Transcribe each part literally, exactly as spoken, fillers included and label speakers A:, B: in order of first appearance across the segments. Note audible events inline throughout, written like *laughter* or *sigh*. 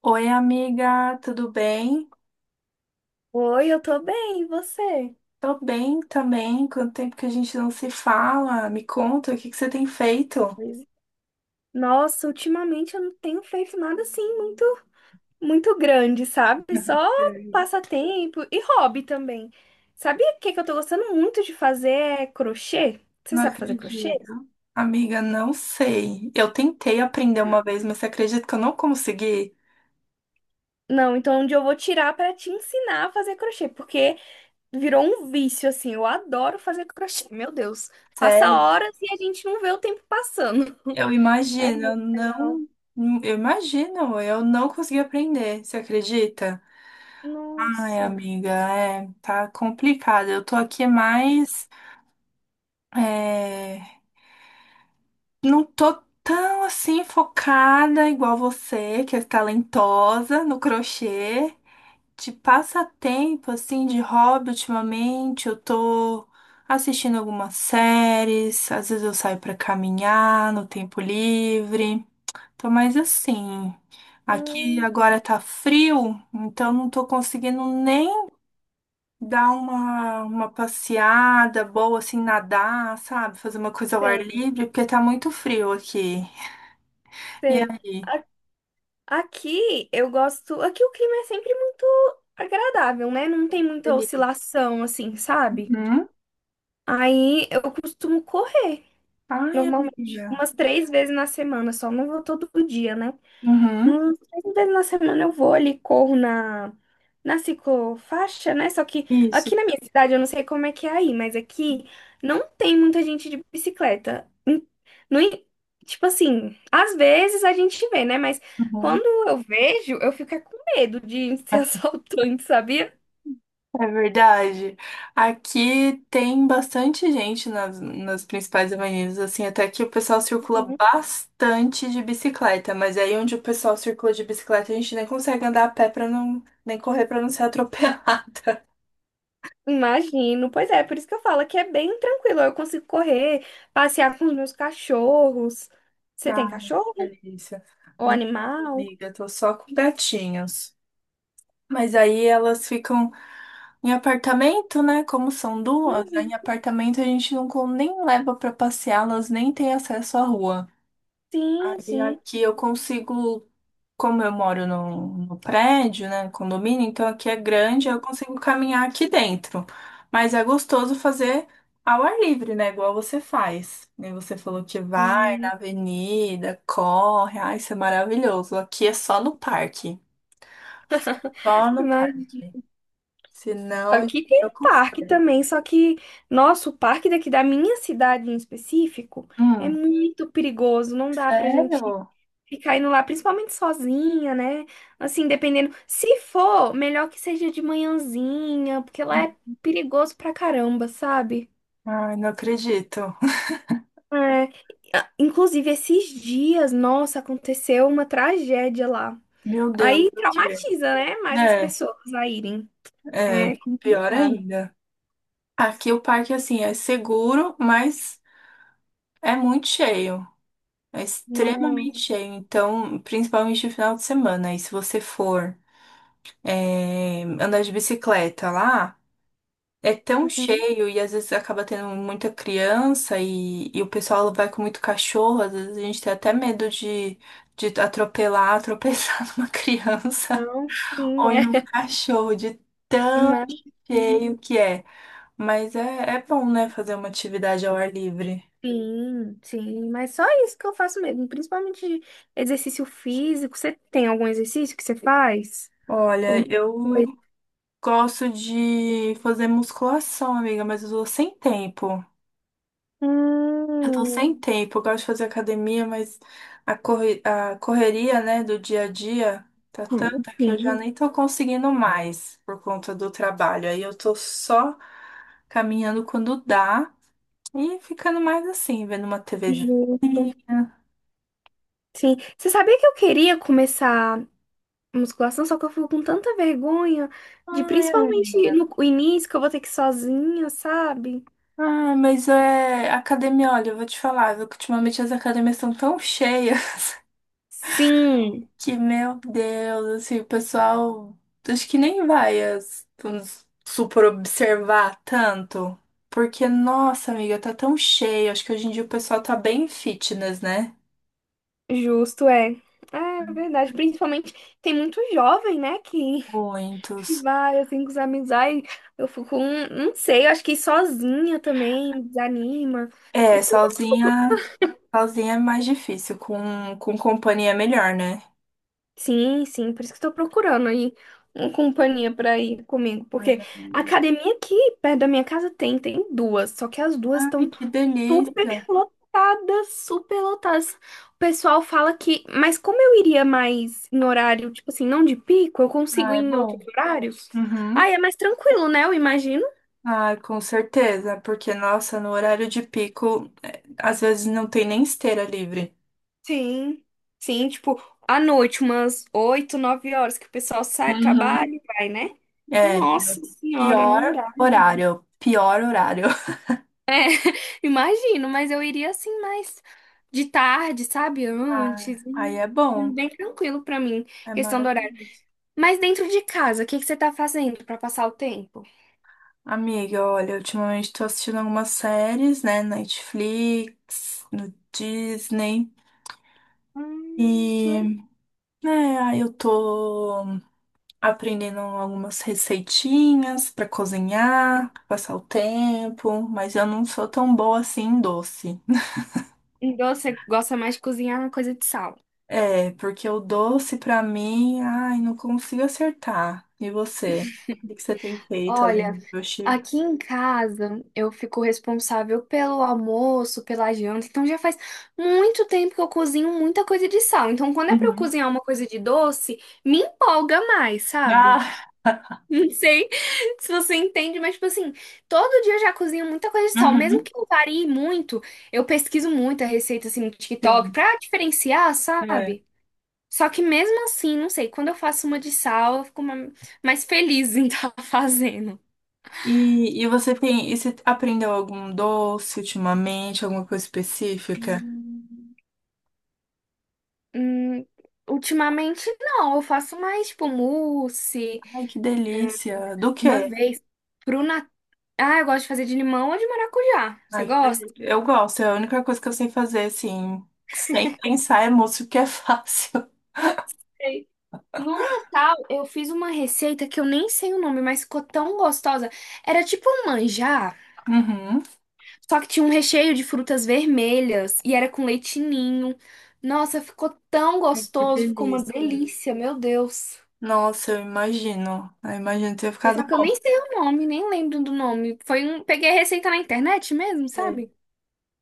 A: Oi, amiga, tudo bem?
B: Oi, eu tô bem, e você?
A: Tô bem também. Quanto tempo que a gente não se fala? Me conta, o que que você tem feito?
B: Pois- é. Nossa, ultimamente eu não tenho feito nada assim muito, muito grande, sabe? Só
A: Sei.
B: passatempo e hobby também. Sabia o que que eu tô gostando muito de fazer é crochê? Você
A: Não
B: sabe fazer crochê?
A: acredito. Amiga, não sei. Eu tentei aprender uma vez, mas você acredita que eu não consegui?
B: Não, então onde eu vou tirar pra te ensinar a fazer crochê, porque virou um vício assim. Eu adoro fazer crochê. *laughs* Meu Deus, passa
A: Sério?
B: horas e a gente não vê o tempo passando.
A: Eu
B: É,
A: imagino, eu
B: não.
A: não. Eu imagino, eu não consegui aprender. Você acredita? Ai,
B: Nossa.
A: amiga, é, tá complicado. Eu tô aqui mais. É, não tô tão assim focada igual você, que é talentosa no crochê. De passatempo, assim, de hobby, ultimamente, eu tô assistindo algumas séries, às vezes eu saio pra caminhar no tempo livre. Tô mais assim. Aqui agora
B: Hum.
A: tá frio, então não tô conseguindo nem dar uma, uma passeada boa, assim, nadar, sabe? Fazer uma coisa ao ar
B: Sei,
A: livre, porque tá muito frio aqui. E
B: sei.
A: aí?
B: Aqui eu gosto. Aqui o clima é sempre muito agradável, né? Não tem muita
A: Beleza.
B: oscilação, assim, sabe?
A: Uhum.
B: Aí eu costumo correr,
A: Ai,
B: normalmente,
A: amiga.
B: umas três vezes na semana, só não vou todo dia, né?
A: Uhum.
B: Hum, Três vezes na semana eu vou ali, corro na, na ciclofaixa, né? Só que
A: Isso.
B: aqui na minha cidade, eu não sei como é que é aí, mas aqui não tem muita gente de bicicleta. Em- No, en- Tipo assim, às vezes a gente vê, né? Mas
A: Uhum.
B: quando eu vejo, eu fico é com medo de ser *laughs* assaltante, sabia?
A: É verdade. Aqui tem bastante gente nas, nas principais avenidas, assim, até que o pessoal circula
B: Uhum.
A: bastante de bicicleta, mas aí onde o pessoal circula de bicicleta, a gente nem consegue andar a pé para não, nem correr para não ser atropelado. *laughs*
B: Imagino. Pois é, por isso que eu falo que é bem tranquilo. Eu consigo correr, passear com os meus cachorros. Você tem
A: Ah,
B: cachorro?
A: delícia.
B: Ou animal?
A: Amiga, tô só com gatinhos. Mas aí elas ficam em apartamento, né? Como são duas, aí em
B: Uhum.
A: apartamento a gente não con- nem leva pra passeá-las, nem tem acesso à rua.
B: Sim,
A: Aí
B: sim.
A: aqui eu consigo, como eu moro no, no prédio, né? Condomínio, então aqui é grande, eu consigo caminhar aqui dentro. Mas é gostoso fazer ao ar livre, né? Igual você faz. E você falou que vai
B: Hum,
A: na avenida, corre, ai, isso é maravilhoso. Aqui é só no parque. Só no
B: Mas
A: parque. Senão
B: aqui tem
A: eu
B: um parque
A: consigo.
B: também, só que nosso parque daqui da minha cidade em específico é muito perigoso, não dá pra gente
A: Sério?
B: ficar indo lá, principalmente sozinha, né? Assim, dependendo. Se for, melhor que seja de manhãzinha, porque lá é perigoso pra caramba, sabe?
A: Ai, não acredito.
B: É, a- inclusive, esses dias, nossa, aconteceu uma tragédia lá.
A: Meu Deus,
B: Aí
A: o quê?
B: traumatiza, né? Mais as
A: É,
B: pessoas a irem. É
A: é, pior
B: complicado.
A: ainda. Aqui o parque, assim, é seguro, mas é muito cheio. É
B: Não.
A: extremamente cheio. Então, principalmente no final de semana. E se você for, é, andar de bicicleta lá, é tão
B: Uhum.
A: cheio e às vezes acaba tendo muita criança e, e o pessoal vai com muito cachorro. Às vezes a gente tem até medo de, de atropelar, *laughs* tropeçar numa criança.
B: Não, sim,
A: Põe um
B: é *laughs*
A: cachorro de tão
B: demais. Uhum.
A: cheio que é. Mas é, é bom, né, fazer uma atividade ao ar livre.
B: Sim, sim, mas só isso que eu faço mesmo, principalmente exercício físico. Você tem algum exercício que você faz?
A: Olha,
B: Alguma
A: eu
B: coisa?
A: gosto de fazer musculação, amiga, mas eu tô sem tempo. Eu tô
B: Hum,
A: sem tempo. Eu gosto de fazer academia, mas a, corre- a correria, né, do dia a dia tá tanta que eu já
B: sim,
A: nem tô conseguindo mais por conta do trabalho. Aí eu tô só caminhando quando dá e ficando mais assim, vendo uma TVzinha.
B: justo. Sim, você sabia que eu queria começar musculação, só que eu fico com tanta vergonha de
A: Ai,
B: principalmente
A: amiga.
B: no início que eu vou ter que ir sozinha, sabe?
A: Ai, mas é. Academia, olha, eu vou te falar, viu, que ultimamente as academias estão tão cheias *laughs*
B: Sim.
A: que, meu Deus, assim, o pessoal acho que nem vai as, vamos supor, observar tanto. Porque, nossa, amiga, tá tão cheio. Acho que hoje em dia o pessoal tá bem fitness, né?
B: Justo, é. É é verdade. Principalmente tem muito jovem, né? Que *laughs* que
A: Muitos.
B: vai assim com os amigos. Ai, eu fico, hum, não sei, eu acho que ir sozinha também desanima. Eu
A: É,
B: fico, com-
A: sozinha, sozinha é mais difícil. Com, com companhia é melhor, né?
B: sim, sim, por isso que eu tô procurando aí uma companhia pra ir comigo.
A: Ai,
B: Porque a
A: amiga.
B: academia aqui perto da minha casa tem, tem duas. Só que as duas
A: Ai,
B: estão
A: que
B: super
A: delícia.
B: lotadas, super lotadas. O pessoal fala que, mas como eu iria mais em horário, tipo assim, não de pico, eu consigo
A: Ah,
B: ir
A: é
B: em outros
A: bom.
B: horários?
A: Uhum.
B: Aí é mais tranquilo, né? Eu imagino.
A: Ah, com certeza, porque nossa, no horário de pico, é, às vezes não tem nem esteira livre.
B: Sim, sim, tipo, à noite, umas oito nove horas que o pessoal sai, trabalha
A: Uhum.
B: e vai, né?
A: É,
B: Nossa senhora,
A: pior
B: não dá.
A: horário, pior horário. *laughs*
B: Imagino, mas eu iria assim mais de tarde, sabe?
A: Ah,
B: Antes.
A: aí
B: hum,
A: é bom,
B: Bem tranquilo pra mim.
A: é
B: Questão do horário.
A: maravilhoso.
B: Mas dentro de casa, o que que você tá fazendo pra passar o tempo?
A: Amiga, olha, ultimamente tô assistindo algumas séries, né, na Netflix, no Disney,
B: Hum, que
A: e,
B: legal.
A: né, aí eu tô aprendendo algumas receitinhas pra cozinhar, pra passar o tempo, mas eu não sou tão boa assim em doce.
B: Então você gosta mais de cozinhar uma coisa de sal.
A: É, porque o doce pra mim, ai, não consigo acertar. E você? O que que você tem feito
B: Olha,
A: além do doce?
B: aqui em casa eu fico responsável pelo almoço, pela janta, então já faz muito tempo que eu cozinho muita coisa de sal. Então quando é pra eu
A: Uhum.
B: cozinhar uma coisa de doce, me empolga mais, sabe?
A: Ah,
B: Não sei *laughs* se você entende, mas, tipo assim, todo dia eu já cozinho muita coisa de sal. Mesmo
A: uhum.
B: que eu varie muito, eu pesquiso muita receita, assim, no TikTok,
A: Sim.
B: pra diferenciar,
A: É.
B: sabe? Só que mesmo assim, não sei, quando eu faço uma de sal, eu fico ma- mais feliz em *laughs* estar fazendo.
A: E, e você tem, e você aprendeu algum doce ultimamente, alguma coisa específica?
B: Hum. Hum, Ultimamente, não. Eu faço mais, tipo, mousse,
A: Ai, que delícia! Do
B: uma
A: quê?
B: vez. Pro Natal. Ah, eu gosto de fazer de limão ou de maracujá. Você
A: Ai, que
B: gosta?
A: delícia. Eu gosto, é a única coisa que eu sei fazer, assim, sem pensar é música, que é fácil. *laughs*
B: No Natal, eu fiz uma receita que eu nem sei o nome, mas ficou tão gostosa. Era tipo um manjar,
A: Uhum.
B: só que tinha um recheio de frutas vermelhas e era com leite ninho. Nossa, ficou tão
A: Que
B: gostoso, ficou uma
A: delícia.
B: delícia, meu Deus.
A: Nossa, eu imagino. Eu imagino ter
B: Mas
A: ficado
B: só que eu
A: bom.
B: nem sei o nome, nem lembro do nome. Foi um... Peguei a receita na internet mesmo,
A: É.
B: sabe?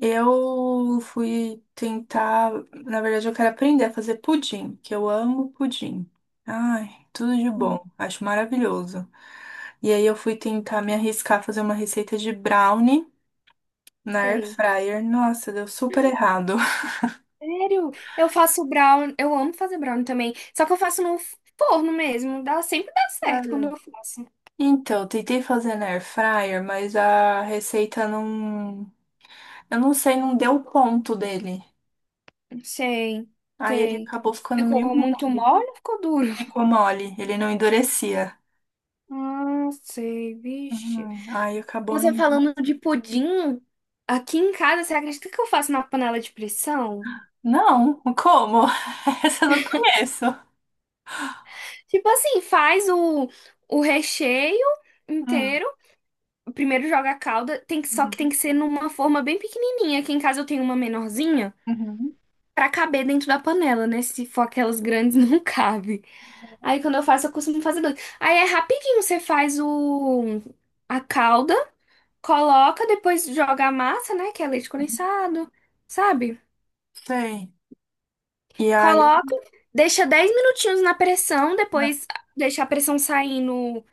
A: Eu fui tentar, na verdade, eu quero aprender a fazer pudim, que eu amo pudim. Ai, tudo de
B: Hum,
A: bom, acho maravilhoso. E aí eu fui tentar me arriscar a fazer uma receita de brownie na air
B: Sei.
A: fryer. Nossa, deu super errado.
B: Sério, eu faço brownie, eu amo fazer brownie também, só que eu faço no forno mesmo, dá, sempre dá certo quando
A: *laughs*
B: eu faço.
A: Então, tentei fazer na air fryer, mas a receita não. Eu não sei, não deu o ponto dele.
B: Sei,
A: Aí ele
B: sei.
A: acabou ficando meio
B: Ficou muito
A: mole.
B: mole ou ficou duro?
A: Ficou mole, ele não endurecia.
B: Ah, sei, vixe.
A: Hum, Aí acabou
B: Você
A: não.
B: falando de pudim, aqui em casa, você acredita que eu faço na panela de pressão?
A: Não, como? *laughs* Essa eu não conheço.
B: Tipo assim, faz o, o recheio
A: Hum,
B: inteiro. Primeiro joga a calda, tem que, só que tem
A: uhum,
B: que ser numa forma bem pequenininha. Aqui em casa eu tenho uma menorzinha
A: uhum,
B: pra caber dentro da panela, né? Se for aquelas grandes, *laughs* não cabe. Aí quando eu faço, eu costumo fazer dois. Aí é rapidinho, você faz o, a calda. Coloca, depois joga a massa, né? Que é leite
A: uhum.
B: condensado, sabe?
A: Sei. E aí,
B: Coloca, deixa dez minutinhos na pressão, depois deixa a pressão saindo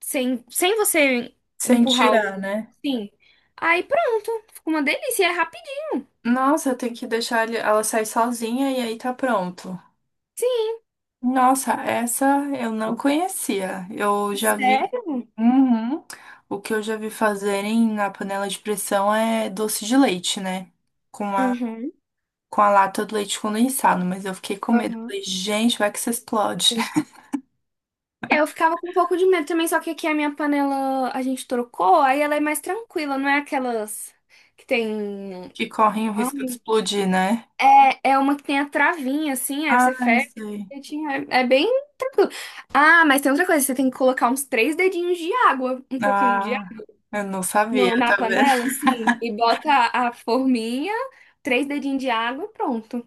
B: sem, sem você
A: sem
B: empurrar
A: tirar,
B: o.
A: né?
B: Sim. Aí pronto. Fica uma delícia e é rapidinho.
A: Nossa, eu tenho que deixar ele- ela sair sozinha e aí tá pronto. Nossa, essa eu não conhecia. Eu já vi.
B: Sério?
A: Uhum. O que eu já vi fazerem na panela de pressão é doce de leite, né? Com a,
B: Uhum.
A: com a lata do leite condensado, mas eu fiquei com medo.
B: Aham,
A: Falei, gente, vai que isso explode.
B: sei.
A: *laughs*
B: Eu ficava com um pouco de medo também, só que aqui a minha panela a gente trocou, aí ela é mais tranquila, não é aquelas que tem.
A: Que correm o risco de
B: Ai,
A: explodir, né?
B: É é uma que tem a travinha, assim, aí
A: Ah,
B: você fecha
A: isso aí.
B: direitinho, é, é bem tranquilo. Ah, mas tem outra coisa, você tem que colocar uns três dedinhos de água, um pouquinho de
A: Ah,
B: água
A: eu não sabia,
B: no- na
A: tá vendo?
B: panela,
A: *laughs*
B: assim, e bota a, a forminha, três dedinhos de água e pronto.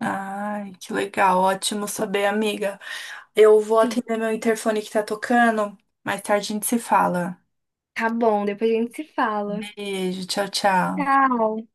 A: Ai, que legal. Ótimo saber, amiga. Eu vou
B: Sim.
A: atender meu interfone que tá tocando. Mais tarde a gente se fala.
B: Tá bom, depois a gente se fala.
A: Beijo, tchau, tchau.
B: Tchau.